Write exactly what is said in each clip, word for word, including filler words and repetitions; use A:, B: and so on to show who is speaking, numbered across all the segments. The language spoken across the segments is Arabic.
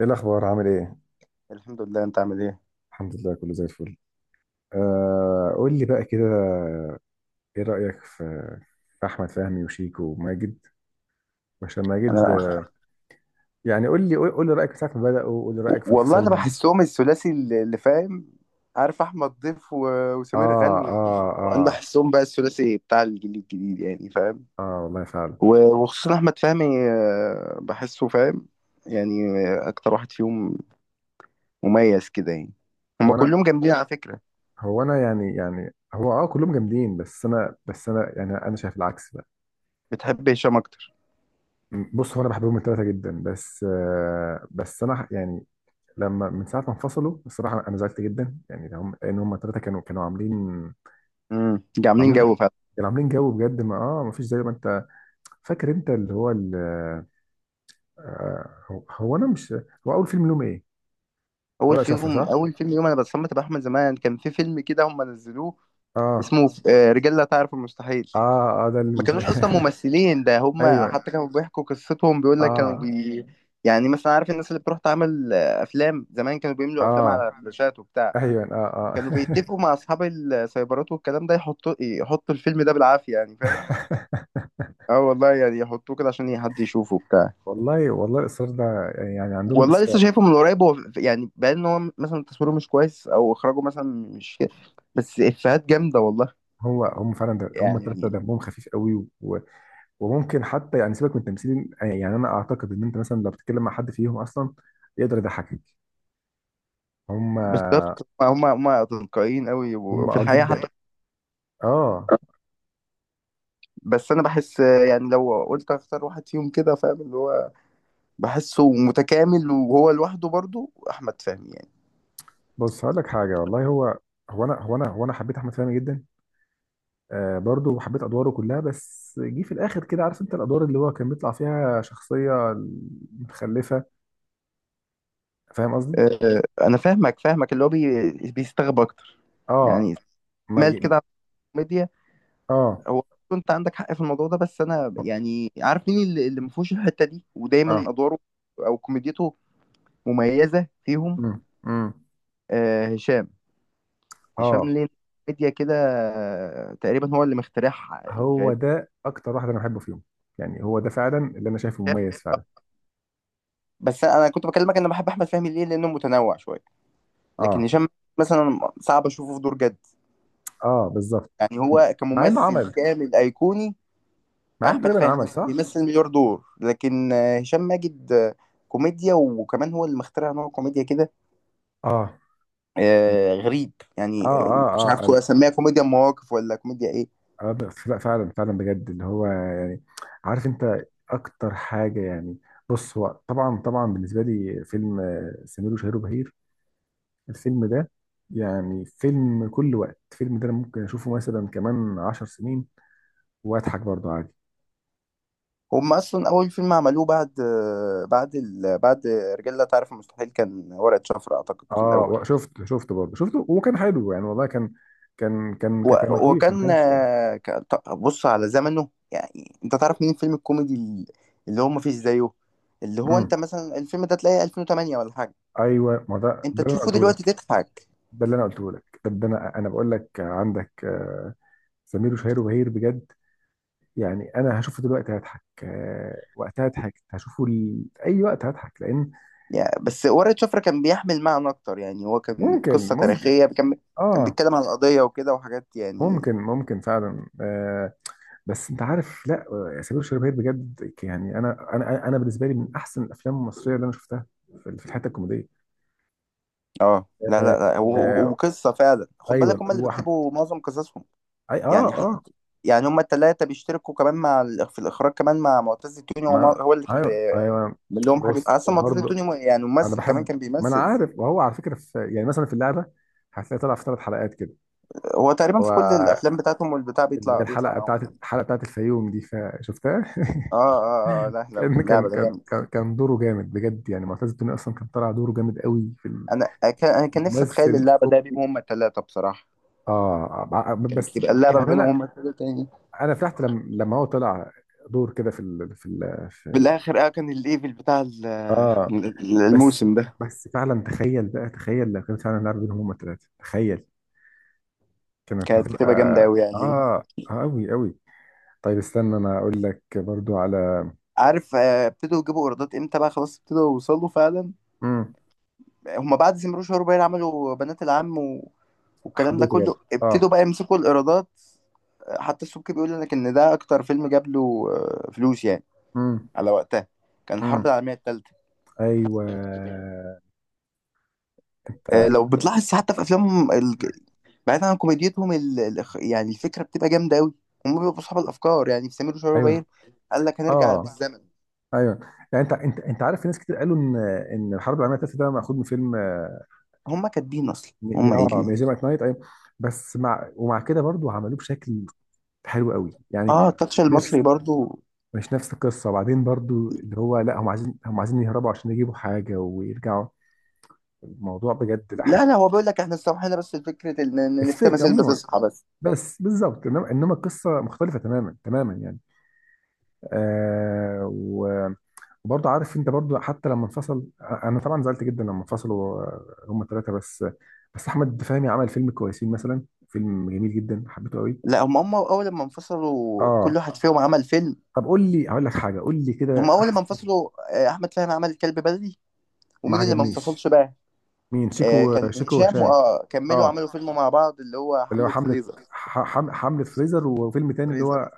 A: ايه الاخبار؟ عامل ايه؟
B: الحمد لله. انت عامل ايه؟
A: الحمد لله، كله زي الفل. آه قول لي بقى كده، ايه رايك في في احمد فهمي وشيكو وماجد؟ عشان ماجد،
B: انا
A: آه، يعني قول لي، قول قول لي رايك من ساعه ما بداوا، قول لي رايك في
B: والله انا
A: انفصالهم.
B: بحسهم الثلاثي اللي اللي فاهم. عارف احمد ضيف و-
A: اه.
B: وسمير غانم
A: اه.
B: و- انا
A: اه.
B: بحسهم بقى الثلاثي بتاع الجيل الجديد، يعني فاهم.
A: اه والله فعلا.
B: و- وخصوصا احمد فهمي آه، بحسه فاهم. يعني آه، اكتر واحد فيهم مميز كده يعني. هما
A: وانا،
B: كلهم جامدين على فكرة.
A: هو انا يعني، يعني هو، اه كلهم جامدين، بس انا بس انا يعني انا شايف العكس بقى.
B: بتحب هشام اكتر؟
A: م- بص، هو انا بحبهم الثلاثه جدا، بس آه بس انا ح- يعني لما من ساعه ما انفصلوا الصراحه انا زعلت جدا يعني، هم، لان هم الثلاثه كانوا كانوا عاملين،
B: امم عاملين
A: كانوا كانوا
B: جو
A: عاملين عاملين
B: فعلا.
A: كانوا عاملين جو. بجد ما اه ما فيش زي ما انت فاكر، انت اللي هو ال... آه هو هو انا مش، هو اول فيلم لهم ايه؟ ورقة
B: اول
A: أول شفرة
B: فيهم
A: صح؟ فيلم.
B: اول فيلم يوم انا بتصمت باحمد زمان كان في فيلم كده هم نزلوه.
A: اه.
B: اسمه آه، رجال لا تعرف المستحيل.
A: اه. اه. ده
B: ما
A: ال...
B: كانوش اصلا ممثلين، ده هم
A: ايوه. هو
B: حتى كانوا بيحكوا قصتهم. بيقول لك كانوا
A: هو
B: بي... يعني مثلا عارف الناس اللي بتروح تعمل آه، افلام زمان كانوا بيملوا افلام
A: اه
B: على فلاشات وبتاع.
A: كان كان اه تبع، ايوه. اه.
B: كانوا
A: اه.
B: بيتفقوا مع اصحاب السايبرات والكلام ده يحطوا يحطوا الفيلم ده بالعافيه، يعني فاهم. اه والله، يعني يحطوه كده عشان حد يشوفه بتاع.
A: والله والله الاصرار ده يعني يعني عندهم
B: والله لسه
A: اصرار.
B: شايفه من قريب. هو ف- يعني باين ان هو مثلا تصويره مش كويس او اخراجه مثلا مش كده، بس افيهات جامده والله
A: هو هم فعلا، ده هم الثلاثه
B: يعني.
A: دمهم خفيف قوي. و... وممكن حتى يعني، سيبك من التمثيل، يعني انا اعتقد ان انت مثلا لو بتتكلم مع حد فيهم اصلا يقدر يضحكك. هم.
B: بالظبط هم هم تلقائيين قوي
A: هم
B: وفي
A: اه في
B: الحقيقه
A: جدا
B: حتى.
A: الحقيقة. اه.
B: بس انا بحس يعني لو قلت اختار واحد فيهم كده فاهم اللي هو بحسه متكامل وهو لوحده برضو احمد فهمي يعني.
A: بص هقول لك حاجه والله، هو هو انا هو انا هو انا حبيت احمد فهمي جدا. آه، برضه وحبيت ادواره كلها، بس جه في الاخر كده، عارف انت الادوار اللي هو كان بيطلع فيها شخصيه متخلفه. فاهم قصدي؟
B: أه انا فاهمك فاهمك اللي هو بي بيستغرب اكتر
A: اه.
B: يعني،
A: ما
B: مال كده
A: ي...
B: على الكوميديا.
A: اه.
B: هو كنت عندك حق في الموضوع ده، بس انا يعني عارف مين اللي اللي ما فيهوش الحته دي
A: اه.
B: ودايما ادواره او كوميديته مميزه فيهم.
A: امم امم
B: أه هشام. هشام
A: اه،
B: ليه كوميديا كده آه، تقريبا هو اللي مخترعها، يعني
A: هو
B: فاهم.
A: ده اكتر واحد انا بحبه فيهم، يعني هو ده فعلا اللي انا شايفه مميز فعلا.
B: بس انا كنت بكلمك، انا بحب احمد فهمي ليه؟ لانه متنوع شويه، لكن
A: اه.
B: هشام مثلا صعب اشوفه في دور جد.
A: اه بالظبط.
B: يعني هو
A: مع انه
B: كممثل
A: عمل،
B: كامل ايقوني.
A: مع انه
B: احمد
A: تقريبا
B: فهمي
A: عمل
B: مثلا
A: صح.
B: بيمثل مليار دور، لكن آه، هشام ماجد آه، كوميديا، وكمان هو اللي مخترع نوع كوميديا كده
A: اه.
B: آه، غريب،
A: اه.
B: يعني آه، مش
A: اه.
B: عارف كو-
A: اه.
B: اسميها كوميديا مواقف ولا كوميديا ايه.
A: اه ب- ف- فعلا، فعلا بجد، اللي هو يعني، عارف انت اكتر حاجه يعني. بص، هو طبعا، طبعا بالنسبه لي فيلم آه، سمير وشهير وبهير، الفيلم ده يعني فيلم كل وقت. الفيلم ده انا ممكن اشوفه مثلا كمان عشر سنين واضحك برضه عادي.
B: هم اصلا اول فيلم عملوه بعد آه، بعد ال... بعد رجال لا تعرف المستحيل كان ورقة شفرة اعتقد
A: اه،
B: الاول.
A: و- شفته، شفته برضه شفته، وكان حلو يعني، والله كان كان كان كان كان
B: و-
A: لطيف، ما
B: وكان
A: كانش.
B: آه، ك- ط- بص على زمنه، يعني انت تعرف مين الفيلم الكوميدي ال- اللي هو ما فيش زيه. اللي هو
A: امم.
B: انت مثلا الفيلم ده تلاقيه ألفين وثمانية ولا حاجه،
A: ايوه، ما ده
B: انت
A: ده اللي انا
B: تشوفه
A: قلته لك،
B: دلوقتي تضحك
A: ده اللي انا قلته لك ده ده انا انا بقول لك عندك، آه، سمير وشهير وبهير بجد يعني. انا هشوفه دلوقتي هضحك، آه، وقتها هضحك، هشوفه ل... اي وقت هضحك لان...
B: يعني. بس ورقة شفرة كان بيحمل معنى اكتر، يعني هو كان
A: ممكن
B: قصه
A: ممكن.
B: تاريخيه، كان كان
A: اه،
B: بيتكلم عن قضيه وكده وحاجات يعني.
A: ممكن ممكن فعلا، آه. بس انت عارف، لا، آه، سمير وشهير بهير بجد يعني. انا، انا انا بالنسبه لي من احسن الافلام المصريه اللي انا شفتها في في الحته الكوميديه.
B: اه، لا
A: آه.
B: لا لا. و- و-
A: آه.
B: وقصه فعلا، خد بالك
A: ايوه.
B: هم اللي
A: وأح-
B: بيكتبوا معظم قصصهم.
A: أي اه
B: يعني
A: اه
B: حتى يعني هم الثلاثه بيشتركوا كمان مع ال- في الاخراج كمان مع معتز التوني. هو
A: ما
B: هو اللي كت-
A: ايوه، ايوه.
B: من لهم حاجة
A: بص،
B: أصلا. منطقة
A: وبرضه
B: توني مو- يعني
A: انا
B: ممثل كمان،
A: بحب،
B: كان
A: ما انا
B: بيمثل.
A: عارف، وهو على فكره، في يعني مثلا في اللعبه هتلاقي طلع في ثلاث حلقات كده.
B: هو تقريبا
A: هو
B: في كل الأفلام بتاعتهم والبتاع
A: اللي هي
B: بيطلع بيطلع
A: الحلقه
B: معاهم
A: بتاعت،
B: يعني.
A: الحلقه بتاعت الفيوم دي، فشفتها.
B: آه آه آه آه، لا لا،
A: كان كان
B: اللعبة ده
A: كان
B: جامد.
A: كان كان دوره جامد بجد يعني. معتز التوني اصلا كان طالع دوره جامد قوي في
B: أنا كان أنا كان نفسي أتخيل
A: الممثل
B: اللعبة ده بيهم
A: كوميدي.
B: هما التلاتة، بصراحة
A: اه ع-
B: كان
A: بس
B: تبقى اللعبة
A: يعني،
B: ما بينهم
A: انا
B: هما التلاتة يعني.
A: انا فرحت لما، لما هو طلع دور كده في ال، في ال في
B: في
A: ال
B: الآخر آه كان الليفل بتاع ال-
A: اه.
B: ال-
A: بس
B: الموسم ده.
A: بس فعلا، تخيل بقى، تخيل لو كان فعلا لعب بينهم هما الثلاثه، تخيل، كانت
B: كانت
A: هتبقى،
B: هتبقى جامدة أوي يعني.
A: اه، آه، قوي قوي. طيب استنى، انا اقول لك برضو على...
B: عارف آه، ابتدوا يجيبوا إيرادات إمتى بقى؟ خلاص ابتدوا يوصلوا فعلا.
A: امم.
B: هما بعد زمرو شهور باين عملوا بنات العم و... والكلام ده
A: حبيته برضو،
B: كله ابتدوا
A: اه.
B: بقى يمسكوا الايرادات. حتى السبكي بيقول لك ان ده اكتر فيلم جاب له آه، فلوس يعني على وقتها، كان الحرب
A: امم.
B: العالميه الثالثه.
A: ايوه.
B: آه،
A: انت.
B: لو بتلاحظ حتى في افلامهم ال... بعيدا عن كوميديتهم ال... ال... يعني الفكره بتبقى جامده قوي. هم بيبقوا اصحاب الافكار، يعني في سمير وشهير وبهير
A: ايوه.
B: قال لك هنرجع
A: اه.
B: بالزمن.
A: ايوه. يعني انت، انت انت عارف، في ناس كتير قالوا ان، ان الحرب العالميه الثالثه ده مأخوذ من فيلم، اه،
B: هم كاتبين اصلا،
A: م-
B: هم
A: آه،
B: قايلين
A: ميوزيوم ات نايت، ايوه. بس مع، ومع كده برضو عملوه بشكل حلو قوي يعني.
B: اه التاتش
A: نفس،
B: المصري برضو.
A: مش نفس القصه، وبعدين برضو اللي هو لا، هم عايزين، هم عايزين يهربوا عشان يجيبوا حاجه ويرجعوا. الموضوع بجد لا حلو،
B: لا لا، هو بيقول لك احنا استوحينا، بس الفكرة ان إن إن في
A: الفكره
B: تماثيل
A: عموما،
B: بتصحى بس.
A: بس بالظبط. انما، إنما القصه مختلفه تماما، تماما يعني. آه، و- وبرضه عارف انت برضه، حتى لما انفصل انا طبعا زعلت جدا لما انفصلوا، آه، هما الثلاثه، بس بس احمد فهمي عمل فيلم كويسين مثلا، فيلم جميل جدا حبيته قوي.
B: لا هم هم اول ما انفصلوا
A: اه.
B: كل واحد فيهم عمل فيلم.
A: طب قول لي، هقول لك حاجه، قول لي كده
B: هم اول ما
A: احسن.
B: انفصلوا آه، احمد فهمي عمل كلب بلدي.
A: ما
B: ومين اللي ما
A: عجبنيش.
B: انفصلش بقى؟
A: مين؟
B: آه
A: شيكو،
B: كان
A: شيكو
B: هشام،
A: وهشام.
B: واه كملوا
A: اه،
B: عملوا فيلم مع بعض اللي هو
A: اللي هو
B: حملة
A: حمله،
B: فريزر
A: ح- حم- حمله فريزر، وفيلم تاني اللي
B: فريزر
A: هو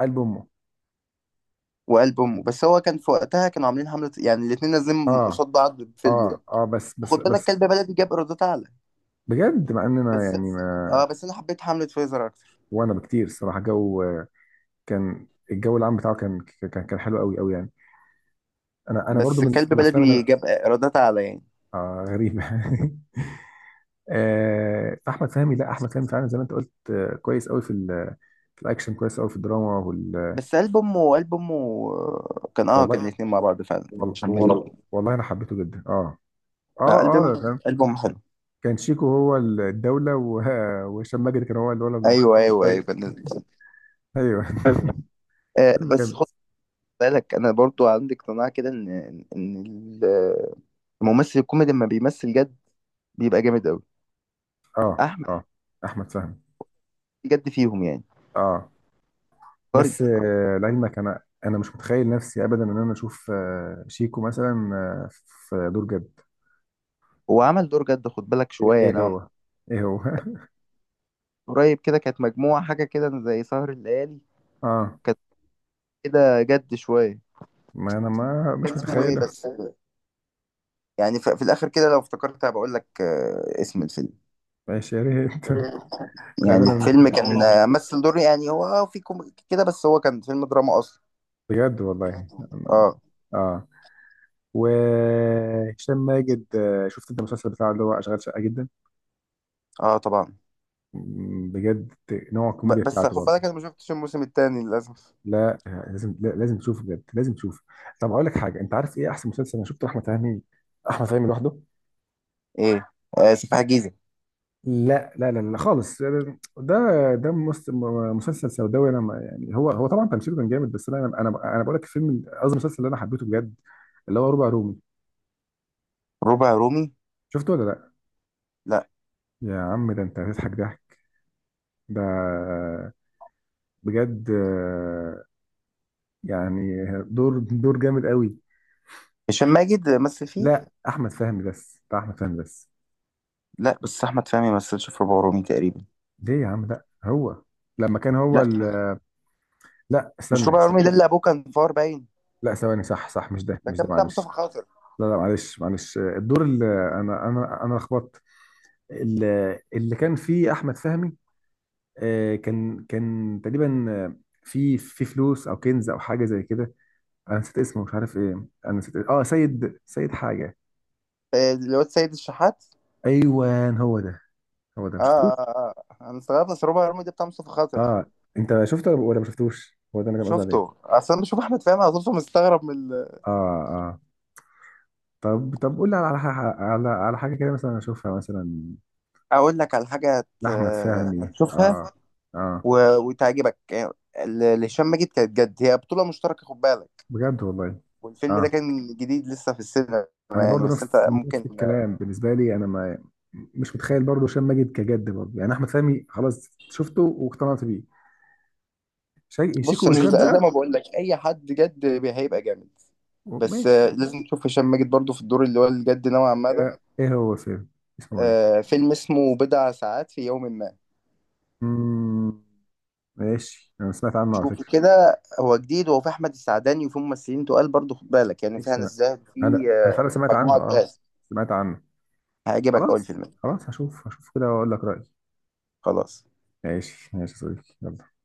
A: قلب امه.
B: وقلب امه. بس هو كان في وقتها كانوا عاملين حملة، يعني الاتنين نازلين
A: اه.
B: قصاد بعض بالفيلم ده.
A: اه. اه. بس بس
B: وخد بالك
A: بس
B: كلب بلدي جاب ايرادات اعلى.
A: بجد مع ان انا
B: بس
A: يعني
B: اه
A: ما...
B: بس انا حبيت حملة فريزر اكتر.
A: وانا بكتير الصراحه. جو، كان الجو العام بتاعه كان، كان كان حلو قوي قوي يعني. انا انا برضو
B: بس
A: من من
B: كلب
A: الافلام اللي انا...
B: بلدي جاب ايرادات اعلى يعني.
A: آه غريبه. آه احمد فهمي، لا احمد فهمي فعلا زي ما انت قلت آه كويس قوي في ال، في الاكشن، كويس قوي في الدراما، وال...
B: بس قلب امه قلب امه آه، كان اه كان
A: والله،
B: الاتنين مع بعض فعلا، كان
A: وال
B: هشام ماجد.
A: وال والله انا حبيته جدا، اه اه
B: آه، قلب
A: اه
B: امه
A: كان،
B: قلب امه حلو.
A: كان شيكو هو الدوله، و- وهشام ماجد كان هو الولد.
B: ايوه ايوه ايوه
A: ايوه.
B: كان-
A: ايوه.
B: آه،
A: فيلم
B: بس
A: جامد.
B: بالك انا برضو عندي اقتناع كده ان ان ال- الممثل الكوميدي لما بيمثل جد بيبقى جامد قوي.
A: اه.
B: احمد
A: اه، احمد فهمي،
B: جد فيهم يعني،
A: اه.
B: عبقري.
A: بس آه، لعلمك انا، انا مش متخيل نفسي ابدا ان انا اشوف، آه، شيكو مثلا، آه، في دور جد.
B: هو عمل دور جد خد بالك
A: ايه؟
B: شويه،
A: إيه؟ مم،
B: انا
A: هو. ايه، هو.
B: قريب كده كانت مجموعه حاجه كده زي سهر الليالي.
A: اه،
B: كانت كده جد شويه،
A: ما انا ما مش
B: اسمه ايه
A: متخيله.
B: بس؟ يعني ف- في الاخر كده لو افتكرت هبقى اقول لك آه، اسم الفيلم.
A: ماشي يا ريت. لان
B: يعني
A: انا مش
B: الفيلم كان
A: متخيل،
B: آه، مثل دور، يعني هو اه في كوميدي كده بس هو كان فيلم دراما اصلا.
A: بجد والله.
B: اه
A: اه. وهشام ماجد، آه، شفت انت المسلسل بتاعه اللي هو اشغال شقه؟ جدا.
B: اه طبعا.
A: مم، بجد نوع
B: ب-
A: الكوميديا
B: بس
A: بتاعته
B: خد
A: برضه.
B: بالك انا ما شفتش الموسم الثاني للاسف.
A: لا آه، لازم، لا لازم تشوفه بجد، لازم تشوفه. طب اقول لك حاجه، انت عارف ايه احسن مسلسل انا شفته احمد فهمي، احمد فهمي لوحده؟
B: ايه؟ آه سفاح جيزة.
A: لا، لا، لا، لا، خالص. ده، ده مس- مسلسل سوداوي انا ما... يعني هو، هو طبعا تمثيله كان جامد، بس انا، انا انا بقول لك الفيلم، قصدي المسلسل اللي انا حبيته بجد، اللي هو ربع رومي.
B: ربع رومي.
A: شفته ولا لا؟
B: لا،
A: يا عم ده انت هتضحك ضحك. ده، بجد، آه، يعني دور، دور جامد قوي.
B: هشام ماجد مثل فيه؟
A: لا، احمد فهمي بس، بتاع احمد فهمي بس.
B: لا، بس احمد فهمي ما مثلش في ربع رومي تقريبا.
A: ليه يا عم؟ لا، هو لما كان هو
B: لا،
A: ال... لا،
B: مش
A: استنى،
B: ربع
A: استنى.
B: رومي ده اللي ابوه كان فار باين.
A: لا، ثواني. صح صح، مش ده،
B: ده
A: مش
B: كان
A: ده،
B: بتاع مصطفى
A: معلش.
B: خاطر.
A: لا، لا، معلش، معلش، آه، الدور اللي، انا انا انا لخبطت. ال- اللي كان فيه احمد فهمي، آه، كان، كان تقريبا، آه، في، في فلوس او كنز او حاجه زي كده. انا نسيت اسمه، مش عارف ايه، انا نسيت إيه. اه، سيد، سيد حاجه.
B: آه، الواد سيد الشحات.
A: ايوه، هو ده. هو ده ما
B: اه
A: شفتوش.
B: اه اه. آه. انا استغربت، بس ربع رومي ده بتاع مصطفى خاطر.
A: اه. انت شفته ولا ما شفتوش؟ هو ده انا كان قصدي
B: شفته،
A: عليه.
B: اصلا بشوف احمد فهمي على طول مستغرب من ال-
A: اه. اه. طب، طب قول لي على ح- على، على حاجه كده مثلا اشوفها مثلا
B: اقول لك على حاجه هت...
A: لاحمد
B: آه،
A: فهمي.
B: هتشوفها
A: اه. اه.
B: و... وتعجبك. آه، ال- لهشام ماجد كانت جد، هي بطوله مشتركه خد بالك.
A: بجد والله.
B: والفيلم
A: اه،
B: ده كان جديد لسه في السينما
A: انا
B: يعني،
A: برضو
B: بس
A: نفس،
B: انت
A: نفس
B: ممكن.
A: الكلام بالنسبه لي، انا ما، مش متخيل برضو هشام ماجد كجد برضو يعني. احمد فهمي خلاص شفته واقتنعت بيه، شي...
B: بص
A: شيكو
B: انا،
A: وهشام
B: ز-
A: بقى.
B: زي ما بقول لك اي حد جد بي- هيبقى جامد. بس آه،
A: ماشي،
B: لازم تشوف هشام ماجد برضو في الدور اللي هو الجد نوعا ما ده.
A: آه، ايه هو؟ فيلم اسمه ايه؟
B: آه، فيلم اسمه بضع ساعات في يوم ما.
A: مم... ماشي، انا سمعت عنه على
B: شوفوا
A: فكره.
B: كده، هو جديد وهو في احمد السعداني وفي ممثلين تقال برضو خد بالك، يعني في
A: ماشي،
B: هنا
A: انا
B: الزاهد، في
A: انا انا
B: آه،
A: فعلا سمعت عنه.
B: مجموعه
A: اه،
B: تقال.
A: سمعت عنه.
B: هيعجبك اول
A: خلاص،
B: فيلم.
A: خلاص هشوف، هشوف كده واقول لك رايي.
B: خلاص.
A: ماشي، ماشي يا صديقي، يلا.